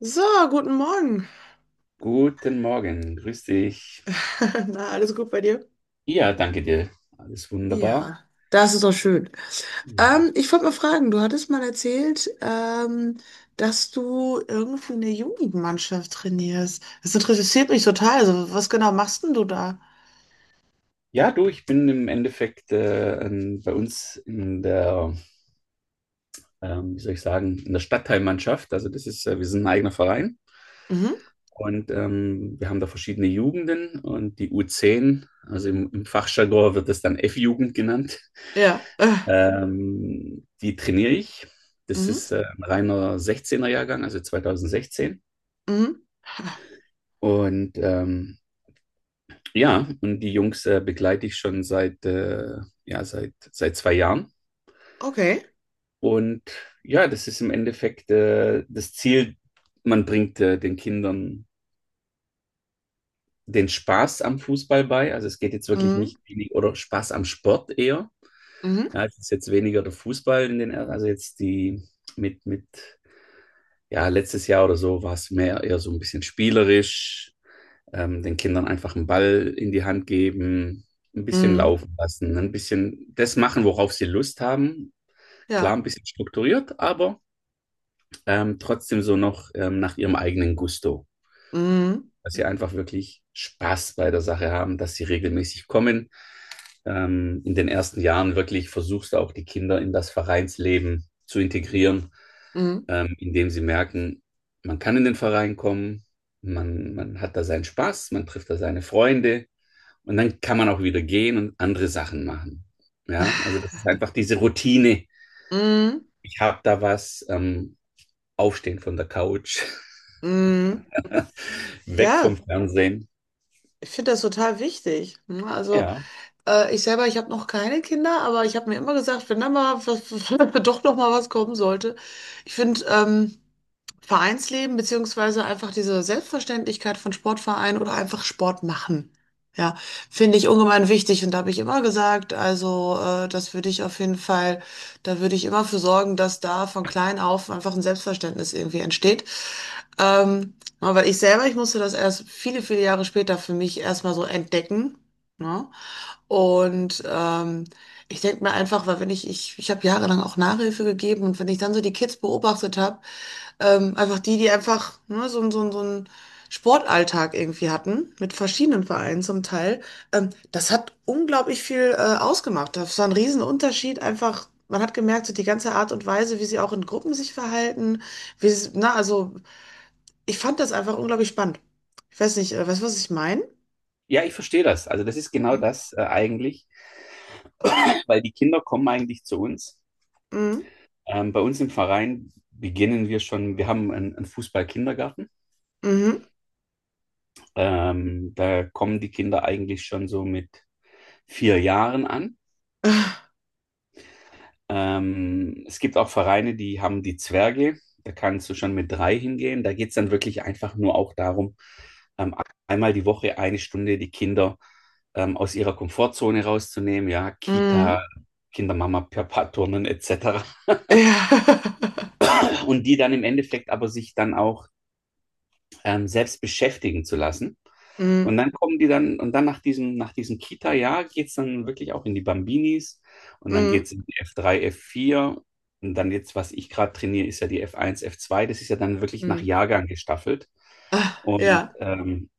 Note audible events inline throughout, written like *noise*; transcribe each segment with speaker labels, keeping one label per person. Speaker 1: So, guten Morgen.
Speaker 2: Guten Morgen, grüß dich.
Speaker 1: *laughs* Na, alles gut bei dir?
Speaker 2: Ja, danke dir. Alles wunderbar.
Speaker 1: Ja, das ist doch schön.
Speaker 2: Ja,
Speaker 1: Ich wollte mal fragen, du hattest mal erzählt, dass du irgendwie eine Jugendmannschaft trainierst. Das interessiert mich total. Also, was genau machst denn du da?
Speaker 2: ja du, ich bin im Endeffekt bei uns in der, wie soll ich sagen, in der Stadtteilmannschaft. Also das ist, wir sind ein eigener Verein
Speaker 1: Mhm.
Speaker 2: und wir haben da verschiedene Jugenden und die U10, also im Fachjargon wird das dann F-Jugend genannt,
Speaker 1: Ja.
Speaker 2: die trainiere ich. Das
Speaker 1: Mhm.
Speaker 2: ist ein reiner 16er-Jahrgang, also 2016.
Speaker 1: Mhm.
Speaker 2: Und ähm, Ja, und die Jungs begleite ich schon seit, ja, seit 2 Jahren.
Speaker 1: Okay.
Speaker 2: Und ja, das ist im Endeffekt das Ziel, man bringt den Kindern den Spaß am Fußball bei. Also es geht jetzt wirklich
Speaker 1: Mhm.
Speaker 2: nicht wenig, oder Spaß am Sport eher.
Speaker 1: Mhm.
Speaker 2: Ja, es ist jetzt weniger der Fußball in den, also jetzt die mit, mit, ja, letztes Jahr oder so war es mehr eher so ein bisschen spielerisch, den Kindern einfach einen Ball in die Hand geben, ein bisschen
Speaker 1: Mhm.
Speaker 2: laufen lassen, ein bisschen das machen, worauf sie Lust haben. Klar,
Speaker 1: Ja.
Speaker 2: ein bisschen strukturiert, aber trotzdem so noch nach ihrem eigenen Gusto.
Speaker 1: Mhm.
Speaker 2: Dass sie einfach wirklich Spaß bei der Sache haben, dass sie regelmäßig kommen. In den ersten Jahren wirklich versuchst du auch die Kinder in das Vereinsleben zu integrieren,
Speaker 1: Mhm.
Speaker 2: indem sie merken, man kann in den Verein kommen, man hat da seinen Spaß, man trifft da seine Freunde. Und dann kann man auch wieder gehen und andere Sachen machen. Ja, also das ist einfach diese Routine.
Speaker 1: Mhm.
Speaker 2: Ich habe da was, aufstehen von der Couch,
Speaker 1: Mhm.
Speaker 2: *laughs* weg vom
Speaker 1: Ja,
Speaker 2: Fernsehen.
Speaker 1: ich finde das total wichtig. Ne? Also,
Speaker 2: Ja,
Speaker 1: Ich selber, ich habe noch keine Kinder, aber ich habe mir immer gesagt, wenn da mal was, *laughs* doch noch mal was kommen sollte. Ich finde Vereinsleben beziehungsweise einfach diese Selbstverständlichkeit von Sportvereinen oder einfach Sport machen. Ja, finde ich ungemein wichtig und da habe ich immer gesagt, also das würde ich auf jeden Fall, da würde ich immer für sorgen, dass da von klein auf einfach ein Selbstverständnis irgendwie entsteht. Ähm, aber ich selber, ich musste das erst viele, viele Jahre später für mich erstmal so entdecken. Ne? Und ich denke mir einfach, weil wenn ich habe jahrelang auch Nachhilfe gegeben und wenn ich dann so die Kids beobachtet habe, einfach die einfach ne, so einen Sportalltag irgendwie hatten, mit verschiedenen Vereinen zum Teil, das hat unglaublich viel ausgemacht. Das war ein Riesenunterschied, einfach, man hat gemerkt, so die ganze Art und Weise, wie sie auch in Gruppen sich verhalten, wie sie, na, also ich fand das einfach unglaublich spannend. Ich weiß nicht, weißt du, was ich meine?
Speaker 2: ja, ich verstehe das. Also das ist genau
Speaker 1: Hm?
Speaker 2: das, eigentlich, weil die Kinder kommen eigentlich zu uns.
Speaker 1: Mhm.
Speaker 2: Bei uns im Verein beginnen wir schon, wir haben einen Fußball-Kindergarten.
Speaker 1: Mhm.
Speaker 2: Da kommen die Kinder eigentlich schon so mit 4 Jahren an.
Speaker 1: *laughs*
Speaker 2: Es gibt auch Vereine, die haben die Zwerge. Da kannst du schon mit 3 hingehen. Da geht es dann wirklich einfach nur auch darum, ähm, einmal die Woche eine Stunde die Kinder aus ihrer Komfortzone rauszunehmen. Ja,
Speaker 1: Mhm.
Speaker 2: Kita, Kindermama, Papa, Turnen etc. *laughs*
Speaker 1: Ja. *laughs*
Speaker 2: Und die dann im Endeffekt aber sich dann auch selbst beschäftigen zu lassen. Und
Speaker 1: Mhm.
Speaker 2: dann kommen die dann, und dann nach diesem Kita-Jahr geht es dann wirklich auch in die Bambinis und dann
Speaker 1: Mhm.
Speaker 2: geht es in die F3, F4 und dann jetzt, was ich gerade trainiere, ist ja die F1, F2. Das ist ja dann wirklich nach
Speaker 1: Mhm.
Speaker 2: Jahrgang gestaffelt.
Speaker 1: Ah,
Speaker 2: Und
Speaker 1: ja.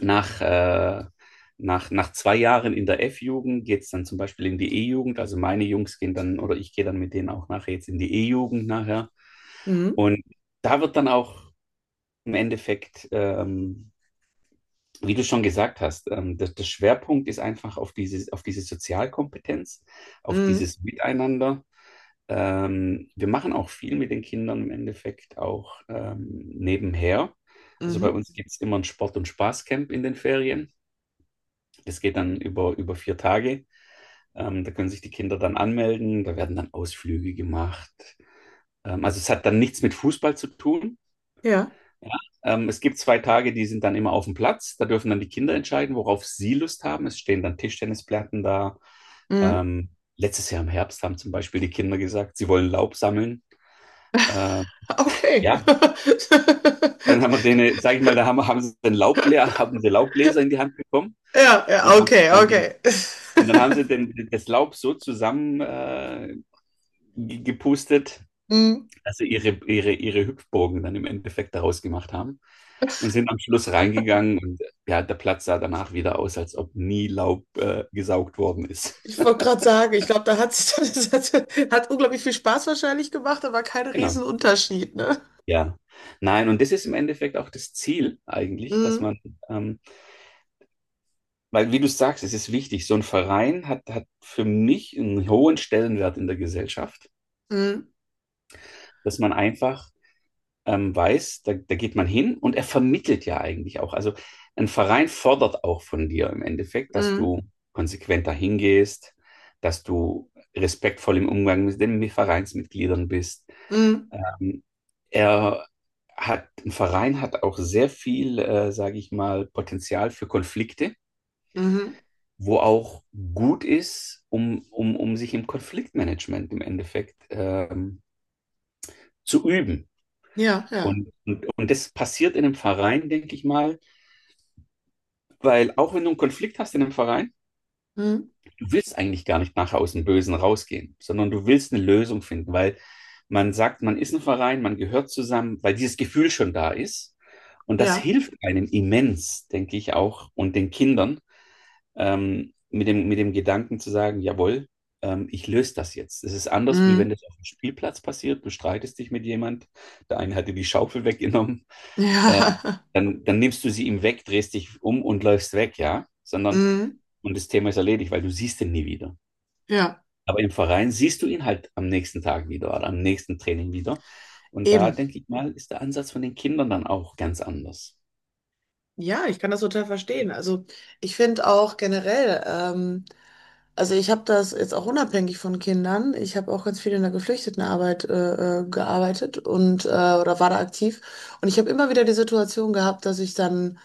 Speaker 2: nach, äh, nach zwei Jahren in der F-Jugend geht es dann zum Beispiel in die E-Jugend. Also meine Jungs gehen dann, oder ich gehe dann mit denen auch nachher jetzt in die E-Jugend nachher.
Speaker 1: Mhm.
Speaker 2: Und da wird dann auch im Endeffekt wie du schon gesagt hast, der Schwerpunkt ist einfach auf diese Sozialkompetenz, auf
Speaker 1: Mhm.
Speaker 2: dieses Miteinander. Wir machen auch viel mit den Kindern im Endeffekt auch nebenher. Also bei
Speaker 1: Mhm.
Speaker 2: uns gibt es immer ein Sport- und Spaßcamp in den Ferien. Das geht dann über 4 Tage. Da können sich die Kinder dann anmelden, da werden dann Ausflüge gemacht. Also es hat dann nichts mit Fußball zu tun.
Speaker 1: Ja.
Speaker 2: Ja, es gibt 2 Tage, die sind dann immer auf dem Platz. Da dürfen dann die Kinder entscheiden, worauf sie Lust haben. Es stehen dann Tischtennisplatten da.
Speaker 1: Mhm.
Speaker 2: Ähm, letztes Jahr im Herbst haben zum Beispiel die Kinder gesagt, sie wollen Laub sammeln. Äh,
Speaker 1: Okay.
Speaker 2: ja, dann haben wir
Speaker 1: *laughs*
Speaker 2: denen, sag ich mal, da haben sie den Laubbläser, *laughs* haben sie Laubbläser in die Hand bekommen
Speaker 1: Ja,
Speaker 2: und
Speaker 1: ja,
Speaker 2: haben
Speaker 1: okay,
Speaker 2: dann die,
Speaker 1: okay.
Speaker 2: und dann haben sie den, das Laub so zusammen gepustet,
Speaker 1: Mhm.
Speaker 2: also ihre Hüpfburgen dann im Endeffekt daraus gemacht haben und sind am Schluss reingegangen und ja, der Platz sah danach wieder aus, als ob nie Laub gesaugt worden ist.
Speaker 1: Ich
Speaker 2: *laughs*
Speaker 1: wollte gerade sagen, ich glaube, da hat sich *laughs* das hat, hat unglaublich viel Spaß wahrscheinlich gemacht, aber kein
Speaker 2: Genau.
Speaker 1: Riesenunterschied, ne?
Speaker 2: Ja, nein, und das ist im Endeffekt auch das Ziel eigentlich, dass
Speaker 1: Mhm.
Speaker 2: man, ähm, weil wie du sagst, es ist wichtig, so ein Verein hat für mich einen hohen Stellenwert in der Gesellschaft,
Speaker 1: Mhm.
Speaker 2: dass man einfach weiß, da geht man hin und er vermittelt ja eigentlich auch. Also ein Verein fordert auch von dir im Endeffekt, dass
Speaker 1: Mhm.
Speaker 2: du konsequent dahin gehst, dass du respektvoll im Umgang mit den Vereinsmitgliedern bist.
Speaker 1: Mhm.
Speaker 2: Ähm, er ein Verein hat auch sehr viel, sage ich mal, Potenzial für Konflikte,
Speaker 1: Mhm.
Speaker 2: wo auch gut ist, um sich im Konfliktmanagement im Endeffekt zu üben.
Speaker 1: Ja, ja.
Speaker 2: Und das passiert in einem Verein, denke ich mal, weil auch wenn du einen Konflikt hast in einem Verein,
Speaker 1: Mhm.
Speaker 2: du willst eigentlich gar nicht nachher aus dem Bösen rausgehen, sondern du willst eine Lösung finden, weil man sagt, man ist ein Verein, man gehört zusammen, weil dieses Gefühl schon da ist. Und das
Speaker 1: Ja.
Speaker 2: hilft einem immens, denke ich auch, und den Kindern mit dem Gedanken zu sagen, jawohl, ich löse das jetzt. Es ist anders, wie wenn
Speaker 1: Mhm.
Speaker 2: das auf dem Spielplatz passiert. Du streitest dich mit jemand, der eine hat dir die Schaufel weggenommen, ähm,
Speaker 1: Ja. *laughs*
Speaker 2: dann nimmst du sie ihm weg, drehst dich um und läufst weg, ja. Sondern
Speaker 1: Mhm.
Speaker 2: und das Thema ist erledigt, weil du siehst ihn nie wieder.
Speaker 1: Ja.
Speaker 2: Aber im Verein siehst du ihn halt am nächsten Tag wieder oder am nächsten Training wieder. Und da
Speaker 1: Eben.
Speaker 2: denke ich mal, ist der Ansatz von den Kindern dann auch ganz anders.
Speaker 1: Ja, ich kann das total verstehen. Also ich finde auch generell, also ich habe das jetzt auch unabhängig von Kindern. Ich habe auch ganz viel in der Geflüchtetenarbeit gearbeitet und oder war da aktiv. Und ich habe immer wieder die Situation gehabt, dass ich dann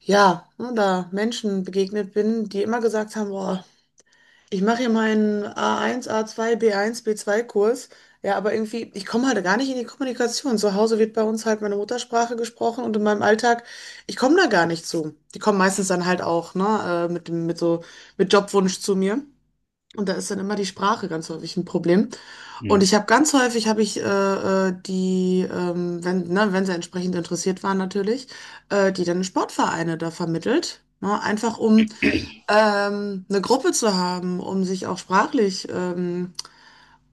Speaker 1: ja ne, da Menschen begegnet bin, die immer gesagt haben, boah, ich mache hier meinen A1, A2, B1, B2-Kurs. Ja, aber irgendwie, ich komme halt gar nicht in die Kommunikation. Zu Hause wird bei uns halt meine Muttersprache gesprochen und in meinem Alltag, ich komme da gar nicht zu. Die kommen meistens dann halt auch, ne, mit dem, mit so, mit Jobwunsch zu mir. Und da ist dann immer die Sprache ganz häufig ein Problem. Und
Speaker 2: Mhm.
Speaker 1: ich habe ganz häufig, habe ich die, wenn, ne, wenn sie entsprechend interessiert waren natürlich, die dann Sportvereine da vermittelt. Ne, einfach um eine Gruppe zu haben, um sich auch sprachlich ähm,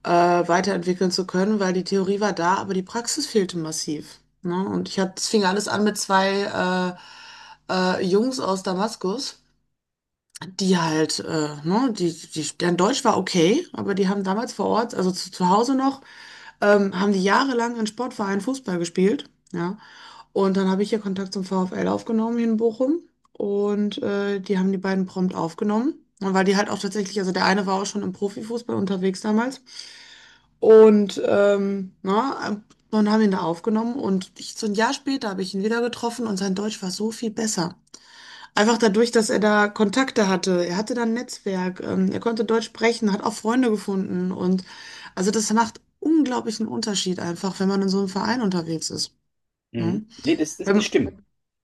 Speaker 1: äh, weiterentwickeln zu können, weil die Theorie war da, aber die Praxis fehlte massiv. Ne? Und ich hatte, es fing alles an mit zwei Jungs aus Damaskus, die halt, ne, deren Deutsch war okay, aber die haben damals vor Ort, also zu Hause noch, haben die jahrelang in Sportvereinen Fußball gespielt. Ja? Und dann habe ich hier Kontakt zum VfL aufgenommen hier in Bochum. Und die haben die beiden prompt aufgenommen. Und weil die halt auch tatsächlich, also der eine war auch schon im Profifußball unterwegs damals. Und na, dann haben ihn da aufgenommen. Und ich, so ein Jahr später habe ich ihn wieder getroffen und sein Deutsch war so viel besser. Einfach dadurch, dass er da Kontakte hatte. Er hatte da ein Netzwerk. Er konnte Deutsch sprechen, hat auch Freunde gefunden. Und also das macht unglaublichen Unterschied einfach, wenn man in so einem Verein unterwegs ist.
Speaker 2: Mhm.
Speaker 1: Ne?
Speaker 2: Nee, das
Speaker 1: Wenn,
Speaker 2: stimmt.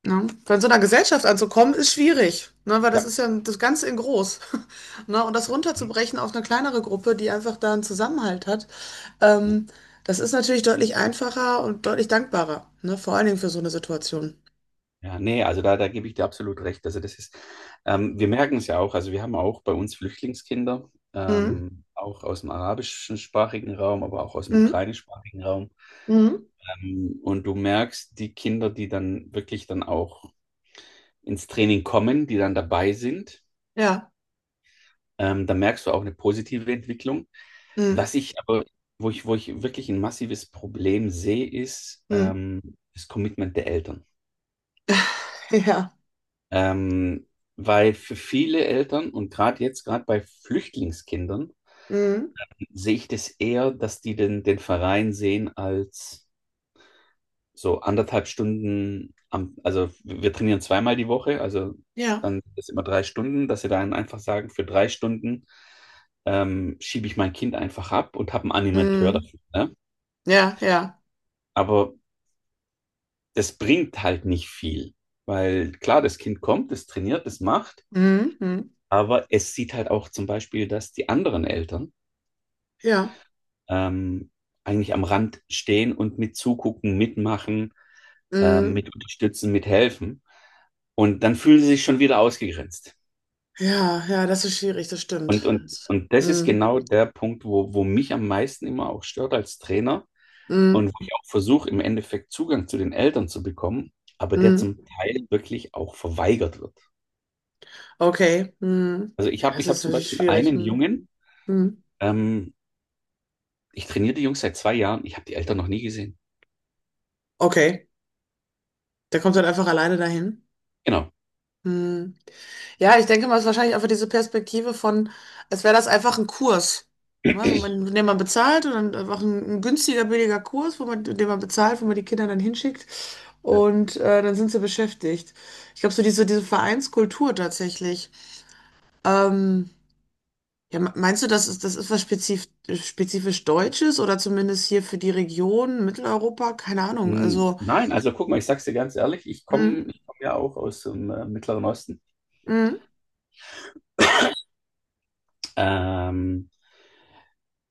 Speaker 1: ne? Von so einer Gesellschaft anzukommen, ist schwierig, ne? Weil das
Speaker 2: Ja.
Speaker 1: ist ja das Ganze in groß. *laughs* Ne? Und das
Speaker 2: Mhm.
Speaker 1: runterzubrechen auf eine kleinere Gruppe, die einfach da einen Zusammenhalt hat, ähm, das ist natürlich deutlich einfacher und deutlich dankbarer, ne? Vor allen Dingen für so eine Situation.
Speaker 2: Ja, nee, also da gebe ich dir absolut recht. Also wir merken es ja auch, also wir haben auch bei uns Flüchtlingskinder,
Speaker 1: Mhm.
Speaker 2: auch aus dem arabischsprachigen Raum, aber auch aus dem
Speaker 1: Mhm.
Speaker 2: ukrainischsprachigen Raum.
Speaker 1: Mhm.
Speaker 2: Und du merkst die Kinder, die dann wirklich dann auch ins Training kommen, die dann dabei sind.
Speaker 1: Ja.
Speaker 2: Da merkst du auch eine positive Entwicklung.
Speaker 1: Mhm.
Speaker 2: Was ich aber, wo ich wirklich ein massives Problem sehe, ist
Speaker 1: Mhm.
Speaker 2: das Commitment der Eltern.
Speaker 1: *laughs* Ja.
Speaker 2: Ähm, weil für viele Eltern und gerade jetzt, gerade bei Flüchtlingskindern,
Speaker 1: Mhm.
Speaker 2: sehe ich das eher, dass die den Verein sehen als so anderthalb Stunden am, also wir trainieren zweimal die Woche, also
Speaker 1: Ja.
Speaker 2: dann ist immer 3 Stunden, dass sie dann einfach sagen, für 3 Stunden schiebe ich mein Kind einfach ab und habe einen Animateur
Speaker 1: Mhm.
Speaker 2: dafür. Ne?
Speaker 1: Ja, ja.
Speaker 2: Aber das bringt halt nicht viel, weil klar, das Kind kommt, es trainiert, es macht,
Speaker 1: Mhm. Mhm.
Speaker 2: aber es sieht halt auch zum Beispiel, dass die anderen Eltern
Speaker 1: Ja.
Speaker 2: ähm, eigentlich am Rand stehen und mit zugucken, mitmachen,
Speaker 1: Mhm.
Speaker 2: mit unterstützen, mithelfen. Und dann fühlen sie sich schon wieder ausgegrenzt.
Speaker 1: Ja, ja, das ist schwierig, das
Speaker 2: Und,
Speaker 1: stimmt.
Speaker 2: und,
Speaker 1: Das-
Speaker 2: und das ist
Speaker 1: Mhm.
Speaker 2: genau der Punkt, wo mich am meisten immer auch stört als Trainer und
Speaker 1: Mhm.
Speaker 2: wo ich auch versuche, im Endeffekt Zugang zu den Eltern zu bekommen, aber der
Speaker 1: Mhm.
Speaker 2: zum Teil wirklich auch verweigert wird.
Speaker 1: Okay. Hm.
Speaker 2: Also ich
Speaker 1: Ja,
Speaker 2: habe
Speaker 1: das
Speaker 2: ich hab
Speaker 1: ist
Speaker 2: zum
Speaker 1: natürlich
Speaker 2: Beispiel
Speaker 1: schwierig.
Speaker 2: einen
Speaker 1: Hm.
Speaker 2: Jungen,
Speaker 1: Hm.
Speaker 2: ähm, ich trainiere die Jungs seit 2 Jahren, ich habe die Eltern noch nie gesehen.
Speaker 1: Okay. Der kommt dann einfach alleine dahin.
Speaker 2: Genau.
Speaker 1: Hm. Ja, ich denke mal, es ist wahrscheinlich einfach diese Perspektive von, als wäre das einfach ein Kurs, ne, wo man, den man bezahlt und dann einfach ein günstiger, billiger Kurs, wo man, den man bezahlt, wo man die Kinder dann hinschickt
Speaker 2: Ja.
Speaker 1: und dann sind sie beschäftigt. Ich glaube, so diese, diese Vereinskultur tatsächlich. Ähm, Ja, meinst du, das ist was spezifisch Deutsches oder zumindest hier für die Region Mitteleuropa? Keine Ahnung. Also,
Speaker 2: Nein, also guck mal, ich sag's dir ganz ehrlich, ich komme
Speaker 1: mhm,
Speaker 2: ich komm ja auch aus dem Mittleren Osten.
Speaker 1: mhm,
Speaker 2: Ähm,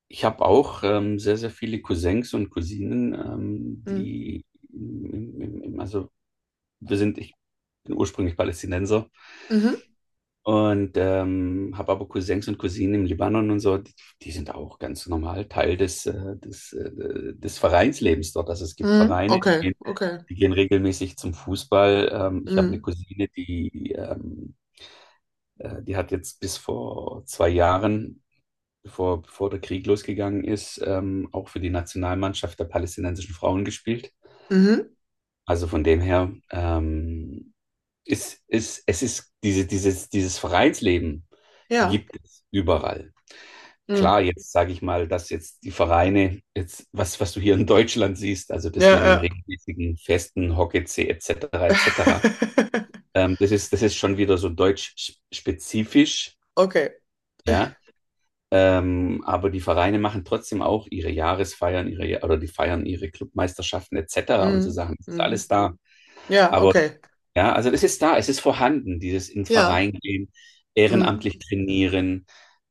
Speaker 2: Ich habe auch sehr, sehr viele Cousins und Cousinen,
Speaker 1: mhm,
Speaker 2: die, im, im, im- also wir sind, ich bin ursprünglich Palästinenser
Speaker 1: mhm,
Speaker 2: und habe aber Cousins und Cousinen im Libanon und so, die sind auch ganz normal Teil des Vereinslebens dort. Also es gibt
Speaker 1: mhm,
Speaker 2: Vereine, die
Speaker 1: okay,
Speaker 2: gehen,
Speaker 1: okay,
Speaker 2: die gehen regelmäßig zum Fußball. Ich habe eine
Speaker 1: mhm,
Speaker 2: Cousine, die hat jetzt bis vor 2 Jahren bevor der Krieg losgegangen ist, auch für die Nationalmannschaft der palästinensischen Frauen gespielt.
Speaker 1: mhm,
Speaker 2: Also von dem her es ist dieses Vereinsleben
Speaker 1: ja,
Speaker 2: gibt es überall.
Speaker 1: mhm,
Speaker 2: Klar, jetzt sage ich mal, dass jetzt die Vereine, jetzt, was du hier in Deutschland siehst, also
Speaker 1: ja,
Speaker 2: das mit den
Speaker 1: ja,
Speaker 2: regelmäßigen Festen, Hockey-C etc. etc.,
Speaker 1: *laughs*
Speaker 2: das ist schon wieder so deutsch-spezifisch,
Speaker 1: okay,
Speaker 2: ja. Aber die Vereine machen trotzdem auch ihre Jahresfeiern, oder die feiern ihre Clubmeisterschaften etc. und so
Speaker 1: mhm,
Speaker 2: Sachen. Das ist
Speaker 1: mhm,
Speaker 2: alles da.
Speaker 1: ja,
Speaker 2: Aber
Speaker 1: okay,
Speaker 2: ja, also das ist da, es ist vorhanden, dieses in den
Speaker 1: ja,
Speaker 2: Verein gehen,
Speaker 1: mhm,
Speaker 2: ehrenamtlich trainieren,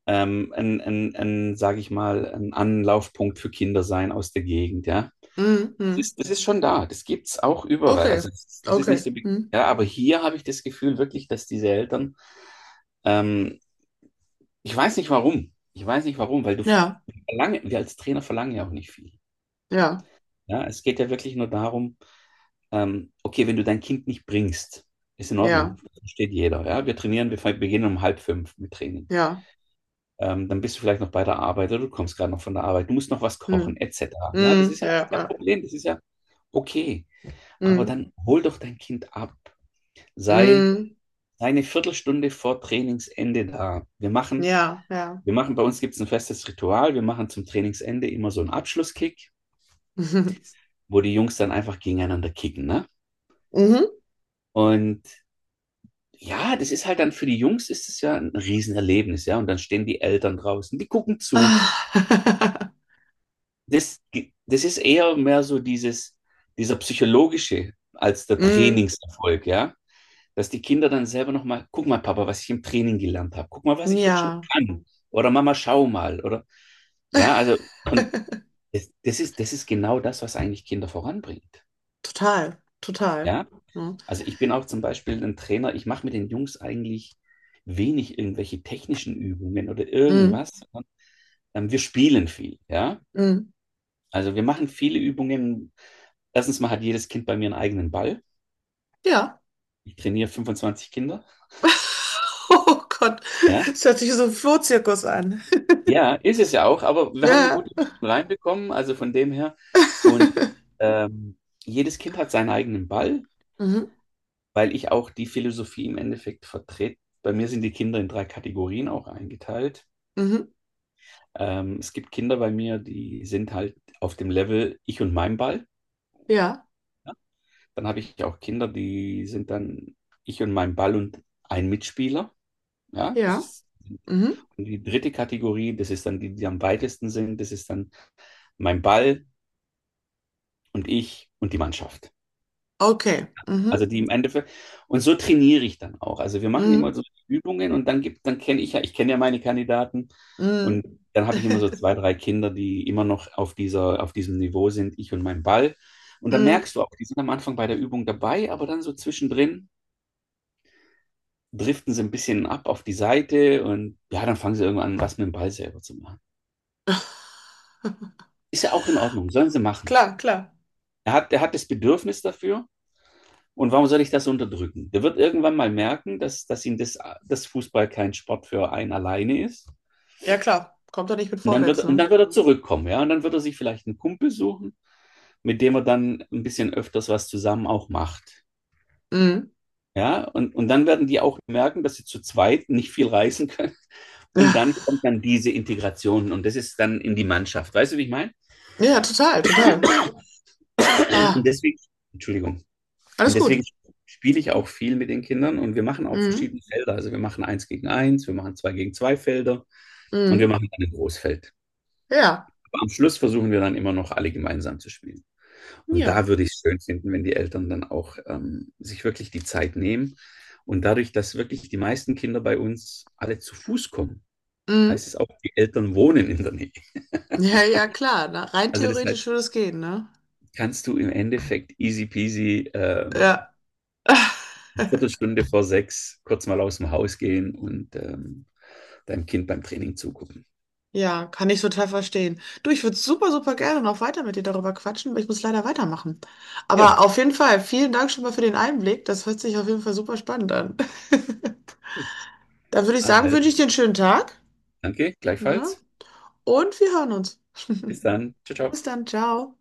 Speaker 2: ein sage ich mal, ein Anlaufpunkt für Kinder sein aus der Gegend, ja.
Speaker 1: mhm,
Speaker 2: Das
Speaker 1: mhm,
Speaker 2: ist, das ist schon da, das gibt's auch überall.
Speaker 1: okay,
Speaker 2: Also es ist nicht
Speaker 1: okay,
Speaker 2: so,
Speaker 1: mhm,
Speaker 2: ja, aber hier habe ich das Gefühl wirklich, dass diese Eltern ähm, ich weiß nicht warum. Ich weiß nicht warum,
Speaker 1: ja,
Speaker 2: wir als Trainer verlangen ja auch nicht viel.
Speaker 1: ja,
Speaker 2: Ja, es geht ja wirklich nur darum, okay, wenn du dein Kind nicht bringst, ist in
Speaker 1: ja,
Speaker 2: Ordnung. Das versteht jeder. Ja, wir trainieren, wir beginnen um halb fünf mit Training.
Speaker 1: ja,
Speaker 2: Dann bist du vielleicht noch bei der Arbeit oder du kommst gerade noch von der Arbeit, du musst noch was kochen,
Speaker 1: mhm,
Speaker 2: etc. Ja, das
Speaker 1: mhm,
Speaker 2: ist ja alles
Speaker 1: ja,
Speaker 2: kein
Speaker 1: ja,
Speaker 2: Problem, das ist ja okay. Aber
Speaker 1: mhm,
Speaker 2: dann hol doch dein Kind ab. Sei,
Speaker 1: mhm,
Speaker 2: sei eine Viertelstunde vor Trainingsende da. Wir machen
Speaker 1: ja, ja.
Speaker 2: Wir machen, bei uns gibt es ein festes Ritual. Wir machen zum Trainingsende immer so einen Abschlusskick,
Speaker 1: *laughs*
Speaker 2: wo die Jungs dann einfach gegeneinander kicken, ne?
Speaker 1: Mhm.
Speaker 2: Und ja, das ist halt dann für die Jungs ist es ja ein Riesenerlebnis, ja. Und dann stehen die Eltern draußen, die gucken zu.
Speaker 1: Ah.
Speaker 2: Das, das ist eher mehr so dieser psychologische als der
Speaker 1: *laughs* Mm,
Speaker 2: Trainingserfolg, ja. Dass die Kinder dann selber nochmal, guck mal, Papa, was ich im Training gelernt habe. Guck mal, was ich jetzt schon
Speaker 1: ja,
Speaker 2: kann. Oder Mama, schau mal. Oder ja, also. Und Das, das ist, das ist genau das, was eigentlich Kinder voranbringt.
Speaker 1: total, total.
Speaker 2: Ja,
Speaker 1: Ja.
Speaker 2: also ich bin auch zum Beispiel ein Trainer, ich mache mit den Jungs eigentlich wenig irgendwelche technischen Übungen oder
Speaker 1: Mm,
Speaker 2: irgendwas, sondern wir spielen viel, ja.
Speaker 1: mm.
Speaker 2: Also wir machen viele Übungen. Erstens mal hat jedes Kind bei mir einen eigenen Ball.
Speaker 1: Ja. *laughs*
Speaker 2: Ich trainiere 25 Kinder.
Speaker 1: Oh Gott,
Speaker 2: Ja,
Speaker 1: es hört sich so ein Flohzirkus an. *laughs*
Speaker 2: ja, ist es ja auch, aber wir haben eine
Speaker 1: Ja.
Speaker 2: gute Mischung reinbekommen, also von dem her. Und
Speaker 1: *laughs*
Speaker 2: ähm, jedes Kind hat seinen eigenen Ball,
Speaker 1: Mhm.
Speaker 2: weil ich auch die Philosophie im Endeffekt vertrete. Bei mir sind die Kinder in drei Kategorien auch eingeteilt.
Speaker 1: Mhm.
Speaker 2: Es gibt Kinder bei mir, die sind halt auf dem Level ich und mein Ball.
Speaker 1: Ja,
Speaker 2: Ja? Dann habe ich auch Kinder, die sind dann ich und mein Ball und ein Mitspieler. Ja, das
Speaker 1: ja.
Speaker 2: ist
Speaker 1: Mhm.
Speaker 2: die dritte Kategorie, das ist dann die, die am weitesten sind, das ist dann mein Ball und ich und die Mannschaft.
Speaker 1: Okay. Mhm.
Speaker 2: Also die im Endeffekt, und so trainiere ich dann auch. Also wir machen immer
Speaker 1: Mhm.
Speaker 2: so Übungen und dann gibt, dann kenne ich ja, ich kenne ja meine Kandidaten
Speaker 1: Mhm.
Speaker 2: und dann habe ich immer so zwei, drei Kinder, die immer noch auf diesem Niveau sind, ich und mein Ball. Und da
Speaker 1: Mhm.
Speaker 2: merkst du auch, die sind am Anfang bei der Übung dabei, aber dann so zwischendrin driften sie ein bisschen ab auf die Seite und ja, dann fangen sie irgendwann an, was mit dem Ball selber zu machen. Ist ja auch in Ordnung, sollen sie machen.
Speaker 1: Klar, klar.
Speaker 2: Er hat das Bedürfnis dafür. Und warum soll ich das unterdrücken? Der wird irgendwann mal merken, dass Fußball kein Sport für einen alleine ist.
Speaker 1: Ja, klar. Kommt doch nicht mit
Speaker 2: Und dann
Speaker 1: vorwärts,
Speaker 2: wird, und
Speaker 1: ne?
Speaker 2: dann wird er zurückkommen, ja. Und dann wird er sich vielleicht einen Kumpel suchen, mit dem er dann ein bisschen öfters was zusammen auch macht.
Speaker 1: Mhm.
Speaker 2: Ja, und dann werden die auch merken, dass sie zu zweit nicht viel reißen können. Und
Speaker 1: Ja.
Speaker 2: dann kommt dann diese Integration und das ist dann in die Mannschaft. Weißt du, wie ich meine?
Speaker 1: Ja, total, total.
Speaker 2: Und
Speaker 1: Ah,
Speaker 2: deswegen, Entschuldigung, und
Speaker 1: alles
Speaker 2: deswegen
Speaker 1: gut.
Speaker 2: spiele ich auch viel mit den Kindern, und wir machen auch
Speaker 1: Mhm.
Speaker 2: verschiedene Felder. Also wir machen eins gegen eins, wir machen zwei gegen zwei Felder. Und wir
Speaker 1: Mhm.
Speaker 2: machen dann ein Großfeld.
Speaker 1: Ja,
Speaker 2: Aber am Schluss versuchen wir dann immer noch alle gemeinsam zu spielen. Und
Speaker 1: ja.
Speaker 2: da würde ich es schön finden, wenn die Eltern dann auch sich wirklich die Zeit nehmen. Und dadurch, dass wirklich die meisten Kinder bei uns alle zu Fuß kommen,
Speaker 1: Mhm.
Speaker 2: heißt es auch, die Eltern wohnen in der Nähe.
Speaker 1: Ja, ja, klar. Na, rein
Speaker 2: Also das
Speaker 1: theoretisch
Speaker 2: heißt,
Speaker 1: würde es gehen, ne?
Speaker 2: kannst du im Endeffekt easy peasy
Speaker 1: Ja.
Speaker 2: eine Viertelstunde vor sechs kurz mal aus dem Haus gehen und deinem Kind beim Training zugucken.
Speaker 1: Ja, kann ich total verstehen. Du, ich würde super, super gerne noch weiter mit dir darüber quatschen, aber ich muss leider weitermachen. Aber
Speaker 2: Ja,
Speaker 1: auf jeden Fall, vielen Dank schon mal für den Einblick. Das hört sich auf jeden Fall super spannend an. *laughs* Dann würde ich sagen, wünsche ich
Speaker 2: also,
Speaker 1: dir einen schönen Tag,
Speaker 2: danke,
Speaker 1: ne?
Speaker 2: gleichfalls.
Speaker 1: Und wir hören uns.
Speaker 2: Bis
Speaker 1: *laughs*
Speaker 2: dann. Ciao, ciao.
Speaker 1: Bis dann, ciao.